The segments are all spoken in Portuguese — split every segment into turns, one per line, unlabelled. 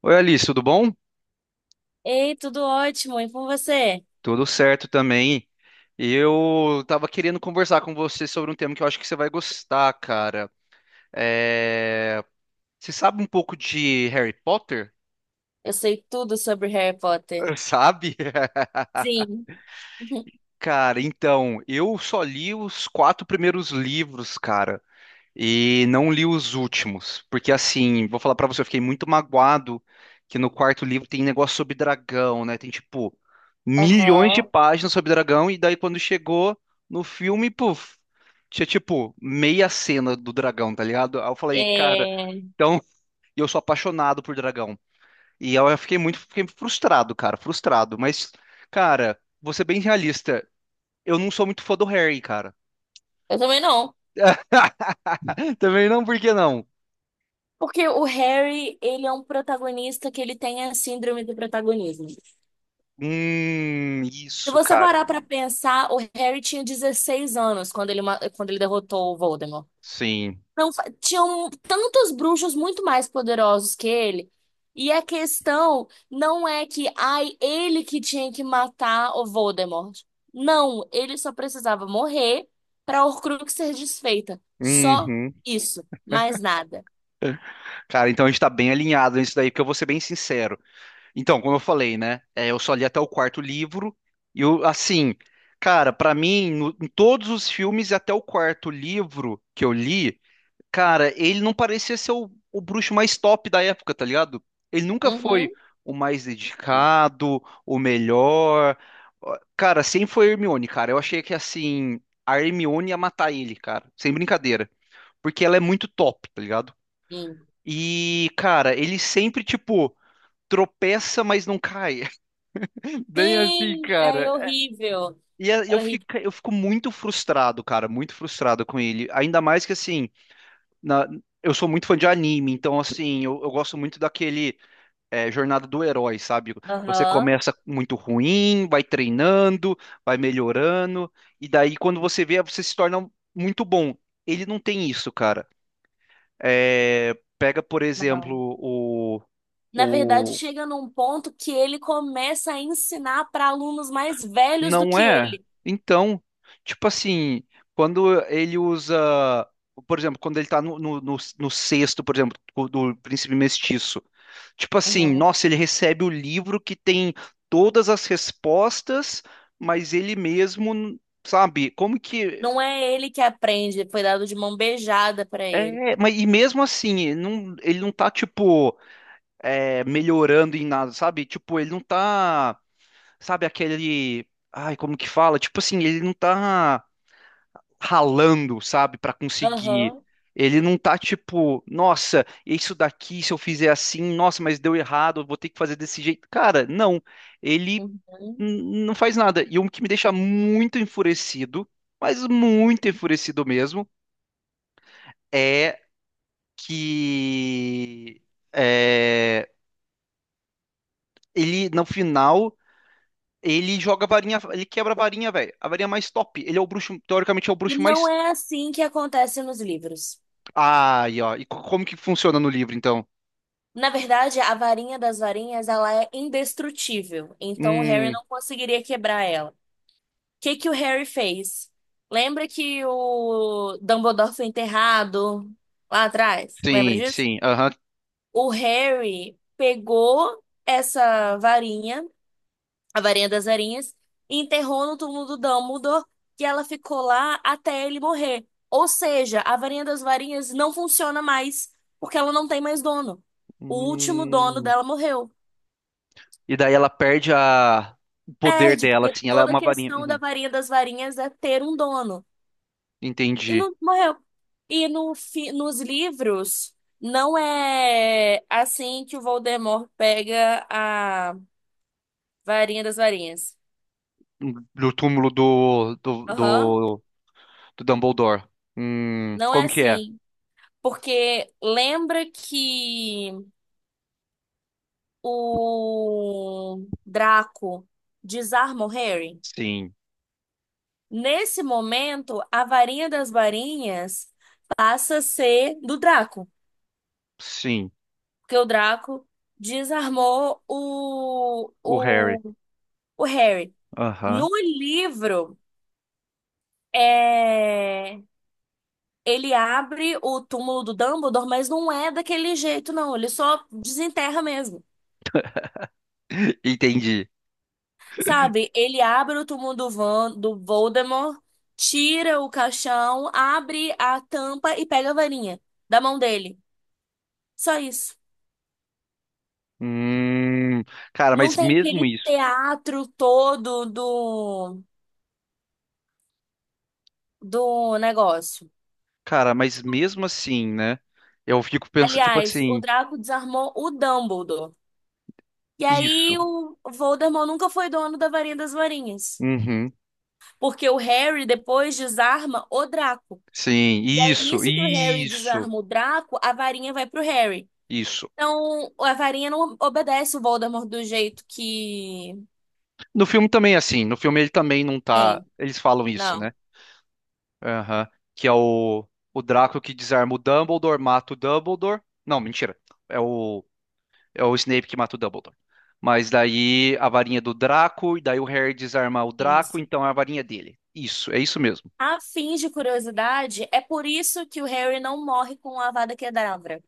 Oi, Alice, tudo bom?
Ei, tudo ótimo, e com você?
Tudo certo também. Eu tava querendo conversar com você sobre um tema que eu acho que você vai gostar, cara. É... Você sabe um pouco de Harry Potter?
Eu sei tudo sobre Harry Potter.
Sabe?
Sim.
Cara, então, eu só li os quatro primeiros livros, cara. E não li os últimos, porque assim, vou falar pra você, eu fiquei muito magoado que no quarto livro tem negócio sobre dragão, né? Tem tipo milhões de
Aham.
páginas sobre dragão e daí quando chegou no filme, puf, tinha tipo meia cena do dragão, tá ligado? Aí eu falei, cara,
É.
então, e eu sou apaixonado por dragão. E eu fiquei fiquei frustrado, cara, frustrado, mas cara, vou ser bem realista, eu não sou muito fã do Harry, cara.
Eu também não.
Também não, por que não?
Porque o Harry, ele é um protagonista que ele tem a síndrome do protagonismo. Se
Isso,
você
cara.
parar pra pensar, o Harry tinha 16 anos quando quando ele derrotou o Voldemort.
Sim.
Não, tinham tantos bruxos muito mais poderosos que ele. E a questão não é que, ai, ele que tinha que matar o Voldemort. Não, ele só precisava morrer para Horcrux ser desfeita. Só
Uhum.
isso, mais nada.
Cara, então a gente tá bem alinhado nisso daí, porque eu vou ser bem sincero. Então, como eu falei, né? Eu só li até o quarto livro, e assim, cara, pra mim, em todos os filmes, e até o quarto livro que eu li. Cara, ele não parecia ser o bruxo mais top da época, tá ligado? Ele nunca foi
Uhum.
o mais dedicado, o melhor. Ó, cara, sempre foi a Hermione, cara. Eu achei que assim, a Hermione ia matar ele, cara. Sem brincadeira. Porque ela é muito top, tá ligado?
Sim.
E, cara, ele sempre, tipo, tropeça, mas não cai. Bem assim,
Sim, é
cara.
horrível.
E
É horrível.
eu fico muito frustrado, cara, muito frustrado com ele. Ainda mais que assim. na- eu sou muito fã de anime, então assim, eu gosto muito daquele é, jornada do herói, sabe? Você
Aham.
começa muito ruim, vai treinando, vai melhorando, e daí quando você vê, você se torna muito bom. Ele não tem isso, cara. É, pega, por
Não.
exemplo,
Na verdade,
o.
chega num ponto que ele começa a ensinar para alunos mais velhos do
Não
que
é?
ele.
Então, tipo assim, quando ele usa. Por exemplo, quando ele tá no sexto, por exemplo, do Príncipe Mestiço. Tipo assim,
Uhum.
nossa, ele recebe o livro que tem todas as respostas, mas ele mesmo, sabe, como que.
Não é ele que aprende, foi dado de mão beijada para ele.
É, mas e mesmo assim, ele não tá, tipo, melhorando em nada, sabe? Tipo, ele não tá, sabe, aquele. Ai, como que fala? Tipo assim, ele não tá ralando, sabe, para conseguir.
Aham.
Ele não tá tipo, nossa, isso daqui, se eu fizer assim, nossa, mas deu errado, eu vou ter que fazer desse jeito. Cara, não. Ele
Uhum.
não faz nada. E o que me deixa muito enfurecido, mas muito enfurecido mesmo, é que é, ele, no final, ele joga a varinha, ele quebra a varinha, velho. A varinha mais top. Ele é o bruxo, teoricamente é o
E
bruxo
não
mais.
é assim que acontece nos livros.
Ai, ó. E como que funciona no livro, então?
Na verdade, a varinha das varinhas, ela é indestrutível, então o Harry
Hum.
não conseguiria quebrar ela. O que que o Harry fez? Lembra que o Dumbledore foi enterrado lá atrás? Lembra
Sim,
disso?
sim, aham.
O Harry pegou essa varinha, a varinha das varinhas, e enterrou no túmulo do Dumbledore, que ela ficou lá até ele morrer. Ou seja, a varinha das varinhas não funciona mais, porque ela não tem mais dono. O último dono
Hum.
dela morreu.
E daí ela perde a... o poder
Perde,
dela,
porque
assim, ela é
toda a
uma varinha.
questão da
Uhum,
varinha das varinhas é ter um dono. E
entendi.
não morreu. E no nos livros, não é assim que o Voldemort pega a varinha das varinhas.
Do túmulo do,
Aham.
do Dumbledore.
Não é
Como que é?
assim. Porque lembra que o Draco desarma o Harry?
Sim,
Nesse momento, a varinha das varinhas passa a ser do Draco,
sim,
porque o Draco desarmou
o Harry.
o Harry.
Aham.
No livro, é, ele abre o túmulo do Dumbledore, mas não é daquele jeito, não. Ele só desenterra mesmo.
Entendi.
Sabe, ele abre o túmulo do, Van, do Voldemort, tira o caixão, abre a tampa e pega a varinha da mão dele. Só isso.
Hum, cara,
Não
mas
tem
mesmo
aquele
isso,
teatro todo do, do negócio.
cara, mas mesmo assim, né? Eu fico pensando, tipo
Aliás, o
assim,
Draco desarmou o Dumbledore. E aí
isso.
o Voldemort nunca foi dono da varinha das varinhas.
Uhum,
Porque o Harry depois desarma o Draco.
sim,
E aí, nisso que o Harry desarma o Draco, a varinha vai pro Harry.
isso.
Então, a varinha não obedece o Voldemort do jeito que
No filme também, é assim, no filme ele também não tá.
tem.
Eles falam isso, né?
Não.
Aham. Que é o Draco que desarma o Dumbledore, mata o Dumbledore. Não, mentira. É é o Snape que mata o Dumbledore. Mas daí a varinha do Draco, e daí o Harry desarma o Draco,
Isso.
então é a varinha dele. Isso, é isso mesmo.
A fim de curiosidade, é por isso que o Harry não morre com a Avada Kedavra,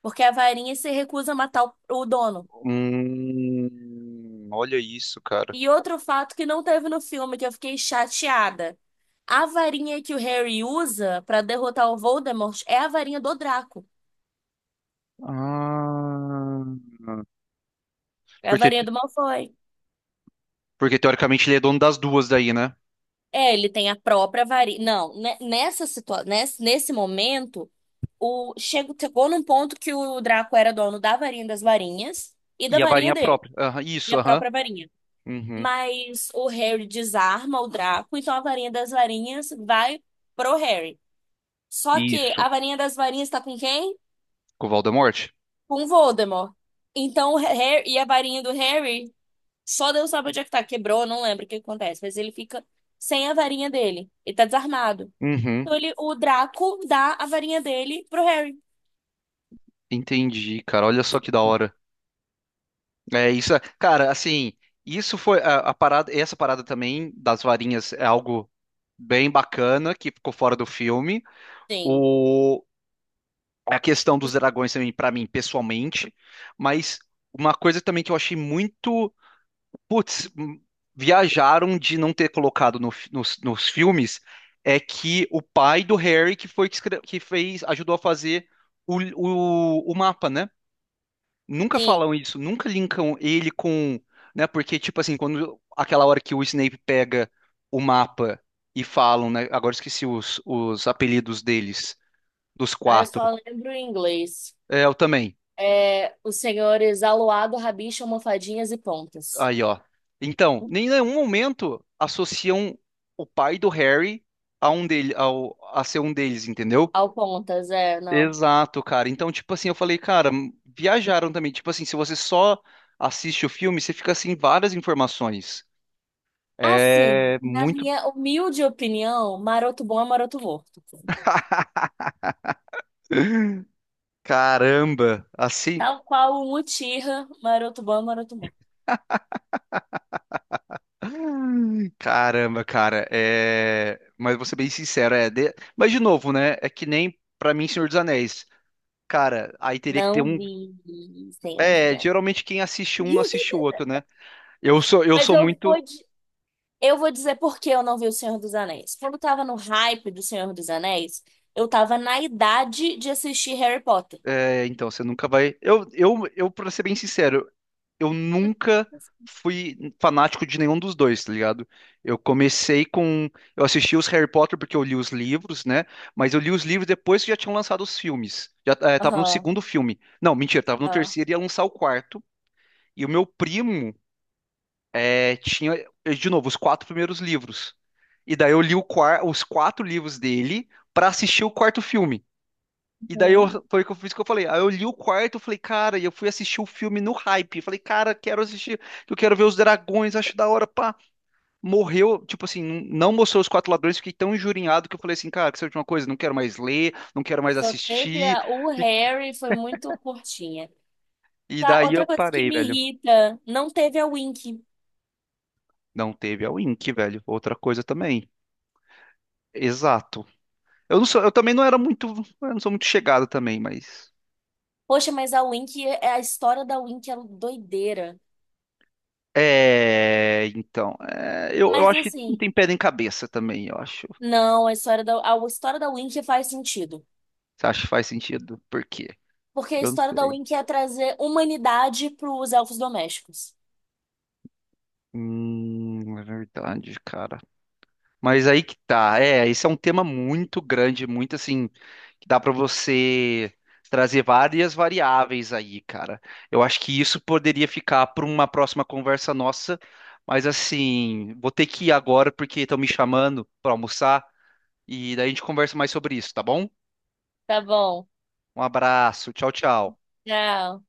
porque a varinha se recusa a matar o dono.
Olha isso, cara.
E outro fato que não teve no filme, que eu fiquei chateada. A varinha que o Harry usa pra derrotar o Voldemort é a varinha do Draco,
Ah,
é a
porque,
varinha do Malfoy.
porque teoricamente ele é dono das duas daí, né?
É, ele tem a própria varinha. Não, nessa situação, nesse momento. O, chegou num ponto que o Draco era dono da varinha das varinhas e da
E a
varinha
varinha
dele,
própria. Aham,
e
isso,
a
aham.
própria varinha.
Uhum,
Mas o Harry desarma o Draco, então a varinha das varinhas vai pro Harry. Só que
isso.
a varinha das varinhas tá com quem?
Com o Voldemort?
Com Voldemort. Então o Harry e a varinha do Harry, só Deus sabe onde é que tá, quebrou, não lembro o que acontece, mas ele fica sem a varinha dele, ele tá desarmado.
Uhum,
Então ele, o Draco dá a varinha dele pro Harry.
entendi, cara. Olha só que da hora. Cara, assim, isso foi a parada, essa parada também das varinhas é algo bem bacana que ficou fora do filme.
Sim.
O A questão dos dragões também pra mim pessoalmente, mas uma coisa também que eu achei muito, putz, viajaram de não ter colocado no fi- nos, nos filmes é que o pai do Harry que foi que, que fez, ajudou a fazer o mapa, né? Nunca
Sim.
falam isso, nunca linkam ele com, né? Porque, tipo assim, quando aquela hora que o Snape pega o mapa e falam, né? Agora esqueci os apelidos deles, dos
Ah, eu só
quatro.
lembro em inglês.
É, eu também.
É, os senhores aluado, rabicho, almofadinhas e pontas.
Aí, ó. Então, nem em nenhum momento associam o pai do Harry a um dele, a ser um deles, entendeu?
Ao pontas, é, não.
Exato, cara. Então, tipo assim, eu falei, cara, viajaram também. Tipo assim, se você só assiste o filme, você fica assim várias informações.
Assim,
É
na
muito.
minha humilde opinião, maroto bom é maroto morto.
Caramba, assim.
Tal qual o Mutirra, maroto bom é maroto morto.
Ai, caramba, cara. Mas vou ser bem sincero, mas de novo, né? É que nem pra mim, Senhor dos Anéis. Cara, aí teria que ter
Não
um.
vi, Senhor dos
É,
Anéis.
geralmente quem assiste um não assiste o outro, né? Eu
Mas
sou
eu
muito.
vou, eu vou dizer por que eu não vi o Senhor dos Anéis. Quando eu tava no hype do Senhor dos Anéis, eu tava na idade de assistir Harry Potter.
É, então, você nunca vai. Eu, pra ser bem sincero, eu nunca fui fanático de nenhum dos dois, tá ligado? Eu comecei com. Eu assisti os Harry Potter porque eu li os livros, né? Mas eu li os livros depois que já tinham lançado os filmes. Já tava no
Aham,
segundo filme. Não, mentira, tava no
aham.
terceiro e ia lançar o quarto. E o meu primo tinha, de novo, os quatro primeiros livros. E daí eu li os quatro livros dele pra assistir o quarto filme. E daí eu,
Hum.
foi o que eu fiz que eu falei. Aí eu li o quarto, eu falei, cara, e eu fui assistir o filme no hype. Falei, cara, quero assistir, eu quero ver os dragões, acho da hora, pá. Morreu, tipo assim, não mostrou os quatro ladrões, fiquei tão injurinhado que eu falei assim, cara, que seja uma coisa, não quero mais ler, não quero mais
Só teve
assistir.
a... O
E,
Harry foi muito curtinha.
e
Tá,
daí
outra
eu
coisa que
parei,
me
velho.
irrita, não teve a Wink.
Não teve a Wink, velho. Outra coisa também. Exato. Eu também não era muito, eu não sou muito chegado também, mas.
Poxa, mas a Wink, é a história da Wink é doideira.
É, então, eu
Mas
acho que não
assim,
tem pé nem cabeça também, eu acho.
não, a história da Wink faz sentido.
Você acha que faz sentido? Por quê?
Porque a
Eu não
história da
sei.
Wink é trazer humanidade para os elfos domésticos.
É verdade, cara. Mas aí que tá. É, esse é um tema muito grande, muito assim, que dá pra você trazer várias variáveis aí, cara. Eu acho que isso poderia ficar para uma próxima conversa nossa, mas assim, vou ter que ir agora porque estão me chamando pra almoçar e daí a gente conversa mais sobre isso, tá bom?
Tá bom.
Um abraço, tchau, tchau.
Tchau.